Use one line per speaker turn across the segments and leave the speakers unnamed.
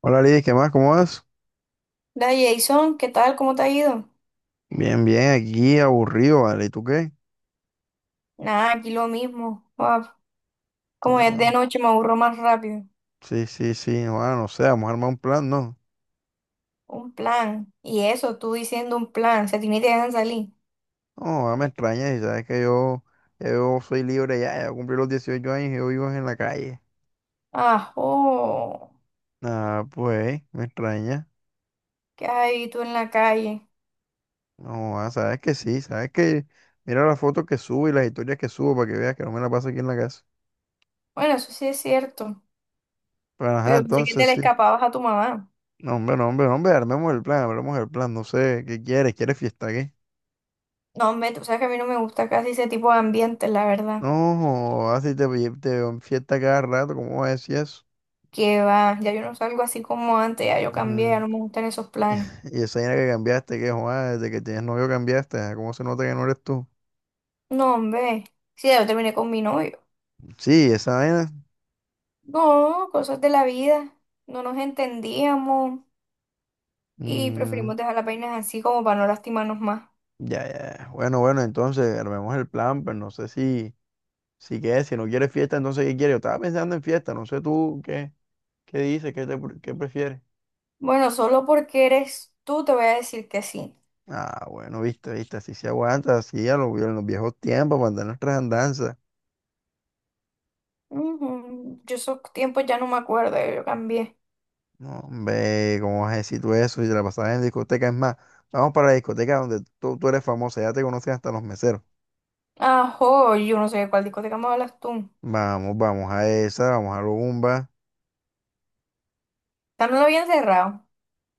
Hola Liz, ¿qué más? ¿Cómo vas?
Da Jason, ¿qué tal? ¿Cómo te ha ido?
Bien, bien, aquí aburrido, ¿vale? ¿Y tú qué?
Nada, aquí lo mismo. Como es de
No,
noche, me aburro más rápido.
sí, sí, sí, no, no sé, vamos a armar un plan, ¿no?
Un plan. Y eso, tú diciendo un plan. Se tiene y te dejan salir.
No, me extraña, y sabes que yo soy libre ya, ya cumplí los 18 años y yo vivo en la calle.
Ah, oh,
Ah, pues, me extraña.
¿qué hay tú en la calle?
No, sabes que sí, sabes que mira las fotos que subo y las historias que subo para que veas que no me la paso aquí en la casa.
Bueno, eso sí es cierto.
Pero, ajá,
Pero pensé que te
entonces
le
sí.
escapabas a tu mamá.
No, hombre, no, hombre, no, hombre, armemos el plan, no sé, ¿qué quieres? ¿Quieres fiesta, qué?
No, hombre, tú sabes que a mí no me gusta casi ese tipo de ambiente, la verdad.
No, así te veo en fiesta cada rato, ¿cómo vas a decir eso?
Que va, ya yo no salgo así como antes, ya yo cambié, ya
Ujú.
no me gustan esos planes.
Y esa vaina que cambiaste, que joder, desde que tienes novio cambiaste, ¿cómo se nota que no eres tú?
No, hombre, sí, ya yo terminé con mi novio.
Sí, esa vaina.
No, cosas de la vida. No nos entendíamos y
Mm,
preferimos dejar las vainas así como para no lastimarnos más.
ya, ya. Ya. Bueno, bueno, entonces armemos el plan, pero no sé si qué, si no quieres fiesta, entonces ¿qué quieres? Yo estaba pensando en fiesta, no sé tú qué, qué dices, qué prefieres.
Bueno, solo porque eres tú te voy a decir que sí.
Ah, bueno, viste, viste, así se aguanta, así a los viejos tiempos, para andar nuestras andanzas.
Ujú, yo esos tiempos ya no me acuerdo, yo cambié.
No, hombre, ¿cómo vas a decir tú eso? Si te la pasabas en discoteca, es más, vamos para la discoteca donde tú eres famosa, ya te conocen hasta los meseros.
Ajo, yo no sé de cuál discoteca me hablas tú.
Vamos, vamos a esa, vamos a Lumba.
Ya no lo habían cerrado.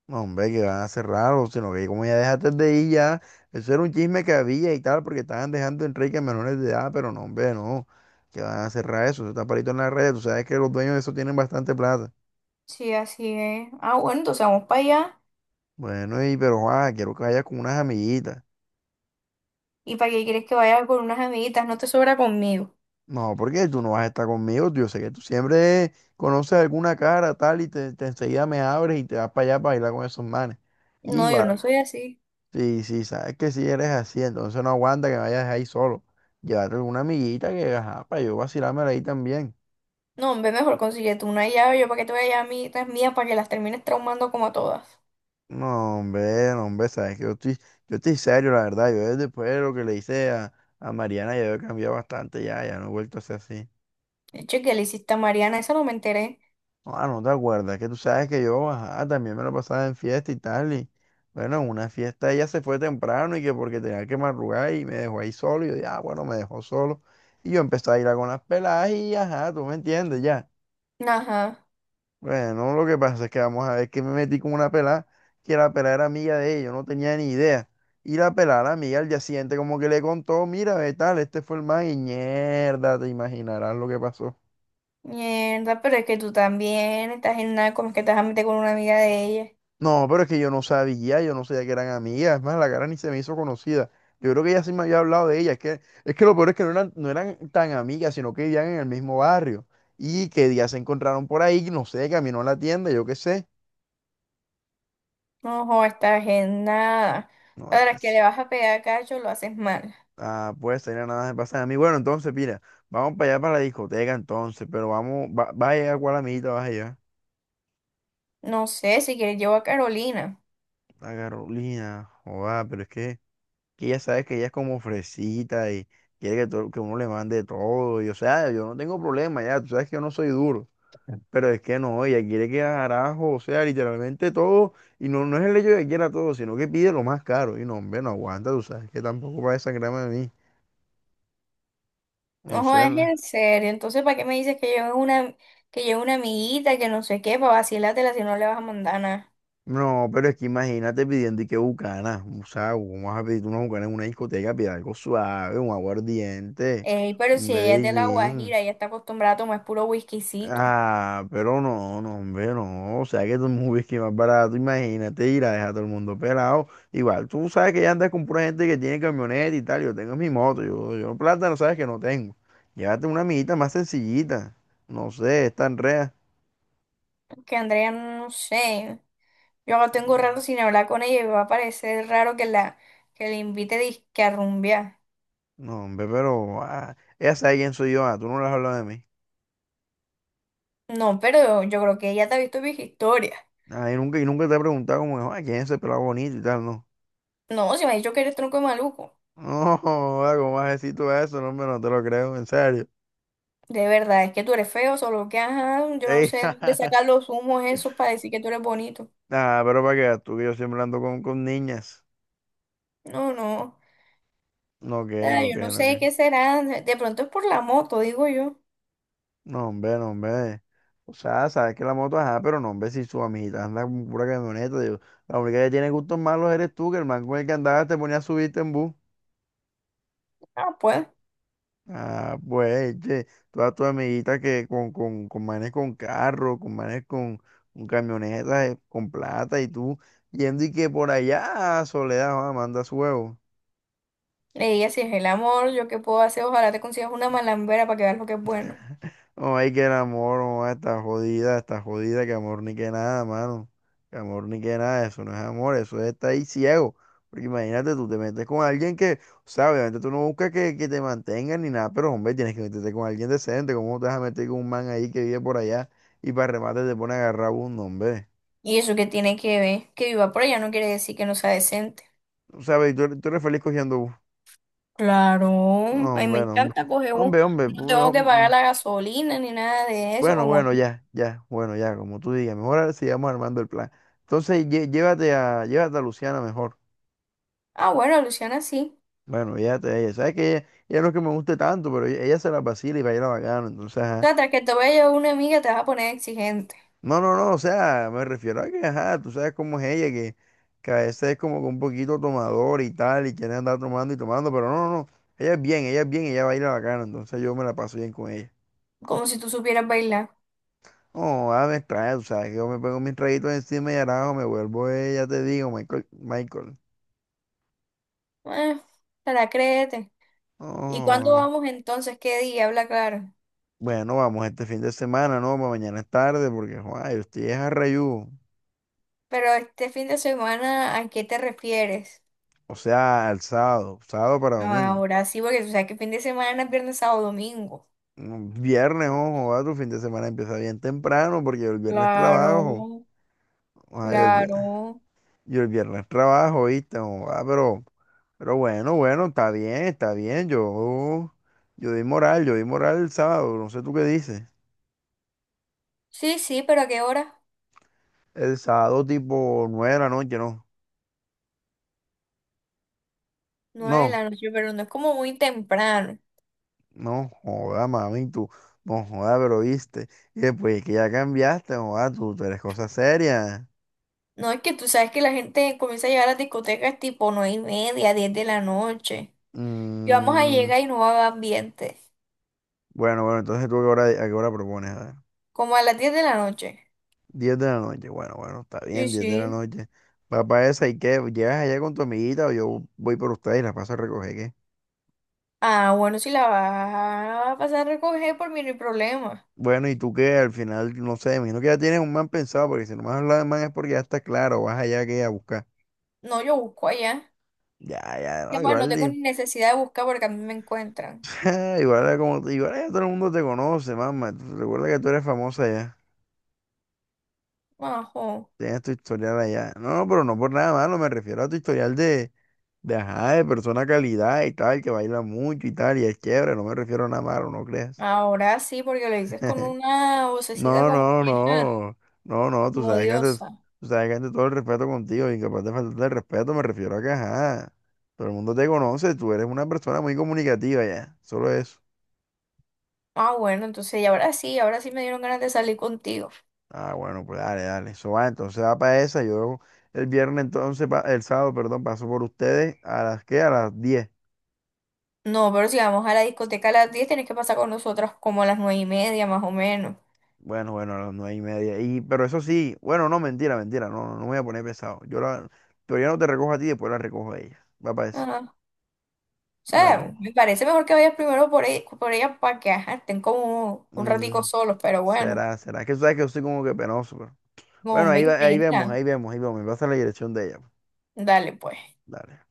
No, hombre, que van a cerrar, o sino que como ya dejaste de ir ya, eso era un chisme que había y tal, porque estaban dejando en Enrique menores de edad, pero no, hombre, no, que van a cerrar eso, eso está parito en la red, tú sabes que los dueños de eso tienen bastante plata.
Sí, así es. Ah, bueno, entonces vamos para allá.
Bueno, y pero, quiero que vayas con unas amiguitas.
¿Y para qué quieres que vaya con unas amiguitas? No te sobra conmigo.
No, porque tú no vas a estar conmigo, tío. Yo sé que tú siempre conoces alguna cara tal y te enseguida me abres y te vas para allá para bailar con esos manes. Y
No, yo no
igual,
soy así.
sí, sí, sabes que si eres así, entonces no aguanta que me vayas ahí solo. Llévate alguna amiguita que, ajá, para yo vacilarme ahí también.
No, hombre, mejor consigue tú una llave. Yo para qué te voy a llevar amiguitas mías para que las termines traumando como a todas.
No, hombre, no, hombre, sabes que yo estoy serio, la verdad. Yo después de lo que le hice a Mariana, ya yo he cambiado bastante, ya, ya no he vuelto a ser así.
Che, ¿qué le hiciste a Mariana? Eso no me enteré.
Ah, no te acuerdas, que tú sabes que yo, ajá, también me lo pasaba en fiesta y tal, y bueno, en una fiesta ella se fue temprano y que porque tenía que madrugar y me dejó ahí solo, y yo, ya, bueno, me dejó solo, y yo empecé a ir a con las peladas y ajá, tú me entiendes, ya.
Ajá.
Bueno, lo que pasa es que vamos a ver que me metí con una pelada, que la pelada era amiga de ella, yo no tenía ni idea, y la pelada, la amiga, al día siguiente como que le contó, mira, ve tal, este fue el man, y mierda, te imaginarás lo que pasó.
Mierda, pero es que tú también estás en nada. Como es que te vas a meter con una amiga de ella?
No, pero es que yo no sabía que eran amigas, es más, la cara ni se me hizo conocida. Yo creo que ella sí me había hablado de ella, es que lo peor es que no eran tan amigas, sino que vivían en el mismo barrio. Y que día se encontraron por ahí, no sé, caminó a la tienda, yo qué sé.
No, jo, estás en nada.
No,
Ahora es que le vas a pegar a Cacho, lo haces mal.
pues tenía nada de pasar a mí. Bueno, entonces, mira, vamos para allá para la discoteca entonces, pero vamos, va a llegar cuál amiguita vas a llevar.
No sé, si quieres llevo a Carolina.
La Carolina, joda, pero es que ella sabe que ella es como fresita y quiere que, que uno le mande todo. Y o sea, yo no tengo problema, ya, tú sabes que yo no soy duro, pero es que no, ella quiere que carajo, o sea, literalmente todo. Y no, no es el hecho de que quiera todo, sino que pide lo más caro. Y no, hombre, no aguanta, tú sabes que tampoco va a desangrarme a mí. No
No,
sé,
es
no.
en serio. Entonces, ¿para qué me dices que llevo una amiguita, que no sé qué, para vacilártela si no le vas a mandar nada?
No, pero es que imagínate pidiendo y que bucana. O sea, ¿cómo vas a pedir una bucana en una discoteca? Pide algo suave, un aguardiente,
Ey, pero
un
si ella es de La
Medellín.
Guajira, ella está acostumbrada a tomar puro whiskycito.
Ah, pero no, no, hombre, no. O sea, que tú es un whisky más barato, imagínate ir a dejar a todo el mundo pelado. Igual, tú sabes que ya andas con pura gente que tiene camioneta y tal. Yo tengo mi moto, yo plata, no sabes que no tengo. Llévate una amiguita más sencillita. No sé, es tan rea.
Que Andrea, no sé. Yo no tengo rato sin hablar con ella y me va a parecer raro que le invite disque a rumbear.
No, hombre, pero ella sabe quién soy yo. Ah, tú no le has hablado de mí.
No, pero yo creo que ella te ha visto mis historias.
Ah, y nunca te he preguntado como, quién es ese pelado bonito y tal, no.
No, si me ha dicho que eres tronco de maluco.
No, joda, ¿cómo vas a decir tú eso? No, hombre, no te lo creo, en serio.
De verdad, es que tú eres feo, solo que ajá, yo no
Ey,
sé dónde sacar los humos esos para decir que tú eres bonito.
Ah, pero para que veas tú que yo siempre ando con niñas.
No, no.
No, que,
Ah,
no,
yo
que,
no
no,
sé
que.
qué será. De pronto es por la moto, digo yo.
No, hombre, no, hombre. O sea, sabes que la moto, ajá, pero no, hombre, si su amiguita anda con pura camioneta, digo, la única que tiene gustos malos eres tú, que el man con el que andabas te ponía a subirte en bus.
Ah, pues.
Ah, pues, che, todas tus amiguitas que con manes con carro, con manes con camionetas, con plata, y tú yendo y que por allá, Soledad, manda su huevo.
Ella, si es el amor, yo qué puedo hacer, ojalá te consigas una malambera para que veas lo que es bueno.
No, hay que el amor, no, está jodida, que amor ni que nada, mano. Que amor ni que nada, eso no es amor, eso es estar ahí ciego. Porque imagínate, tú te metes con alguien que, o sea, obviamente tú no buscas que te mantengan ni nada, pero hombre, tienes que meterte con alguien decente. ¿Cómo te vas a meter con un man ahí que vive por allá y para remate te pone a agarrar bus, no, hombre?
Y eso que tiene que ver, que viva por ella no quiere decir que no sea decente.
O sea, ve, tú eres feliz cogiendo bus.
Claro,
No,
ay, me
hombre, no, hombre.
encanta coger bus.
Hombre, hombre,
No tengo que pagar la gasolina ni nada de eso,
Bueno,
como
bueno,
tú.
ya, ya, bueno, ya, como tú digas, mejor ahora sigamos armando el plan. Entonces, llévate a Luciana mejor.
Ah, bueno, Luciana, sí.
Bueno, llévate a ella. Sabes que ella no es que me guste tanto, pero ella se la vacila y baila bacano. Entonces, ajá.
Trata que te vaya una amiga, te vas a poner exigente,
No, no, no, o sea, me refiero a que, ajá, tú sabes cómo es ella, que a veces es como que un poquito tomador y tal, y quiere andar tomando y tomando, pero no, no, no. Ella es bien, ella es bien, ella baila bacano, entonces yo me la paso bien con ella.
como si tú supieras bailar.
No, a me extraña, tú sabes que yo me pongo mis traguitos encima y arajo, me vuelvo ella, te digo, Michael, Michael.
Eh, Te la créete. ¿Y cuándo
Oh,
vamos entonces? ¿Qué día? Habla claro.
bueno, vamos este fin de semana, ¿no? Pa' mañana es tarde porque, joa, yo estoy es a Rayú.
Pero este fin de semana, ¿a qué te refieres?
O sea, al sábado, sábado para
No,
domingo.
ahora sí, porque tú sabes que fin de semana es viernes, sábado, domingo.
Mm, viernes, ojo, va, tu fin de semana empieza bien temprano porque yo el viernes trabajo.
Claro,
Joder,
claro.
yo el viernes trabajo, ¿viste? Joder, pero bueno, bueno, está bien, está bien. Yo di moral el sábado, no sé tú qué dices.
Sí, sí, pero ¿a qué hora?
El sábado tipo 9 de la noche, ¿no?
Nueve de
No.
la noche, pero no es como muy temprano.
No joda, mami, tú, no joda, pero viste. Y después es que ya cambiaste, joda, tú eres cosa seria.
No, es que tú sabes que la gente comienza a llegar a las discotecas tipo nueve y media, 10 de la noche. Y vamos a
Mm,
llegar y no va a haber ambiente.
bueno, bueno, entonces tú a qué hora propones, a ver.
Como a las 10 de la noche.
10 de la noche, bueno, bueno, está
Sí,
bien, 10 de la
sí.
noche. Va para esa, ¿y qué? ¿Llegas allá con tu amiguita o yo voy por ustedes y las paso a recoger, qué?
Ah, bueno, si la vas a pasar a recoger, por mí no hay problema.
Bueno, ¿y tú qué? Al final, no sé, me imagino que ya tienes un man pensado, porque si no me has hablado de man es porque ya está claro, vas allá que a buscar.
No, yo busco allá.
Ya, ya,
Y
no,
bueno, no tengo
igual,
ni necesidad de buscar porque a mí me encuentran.
Igual era como, igual ya todo el mundo te conoce, mamá. Recuerda que tú eres famosa ya.
Ajo.
Tienes tu historial allá. No, pero no por nada malo, me refiero a tu historial de ajá, de persona calidad y tal, que baila mucho y tal, y es chévere, no me refiero a nada malo, no creas.
Ahora sí, porque lo dices con una vocecita
No,
como
no,
que, ah,
no. No, no, tú
como
sabes que antes,
diosa.
tú sabes que antes todo el respeto contigo, incapaz de faltarte el respeto, me refiero a que ajá. Todo el mundo te conoce, tú eres una persona muy comunicativa ya. Solo eso.
Ah, bueno, entonces, y ahora sí me dieron ganas de salir contigo.
Ah, bueno, pues dale, dale. Eso va, entonces va para esa. Yo el viernes entonces, el sábado, perdón, paso por ustedes a las qué, a las 10.
No, pero si vamos a la discoteca a las 10 tenés que pasar con nosotros como a las 9 y media, más o menos.
Bueno, bueno, a las 9:30. Y, pero eso sí, bueno, no, mentira, mentira, no, no, no me voy a poner pesado. Pero ya no te recojo a ti, después la recojo a ella. Va para eso.
Ah, o
Bueno,
sea, me parece mejor que vayas primero por ella para que ajá, estén como un ratico
mm,
solos, pero bueno,
será, será. Es que tú sabes que yo soy como que penoso, pero. Bueno,
con
ahí,
20,
ahí vemos, ahí vemos, ahí vemos. Me pasa la dirección de ella, pues.
dale, pues.
Dale.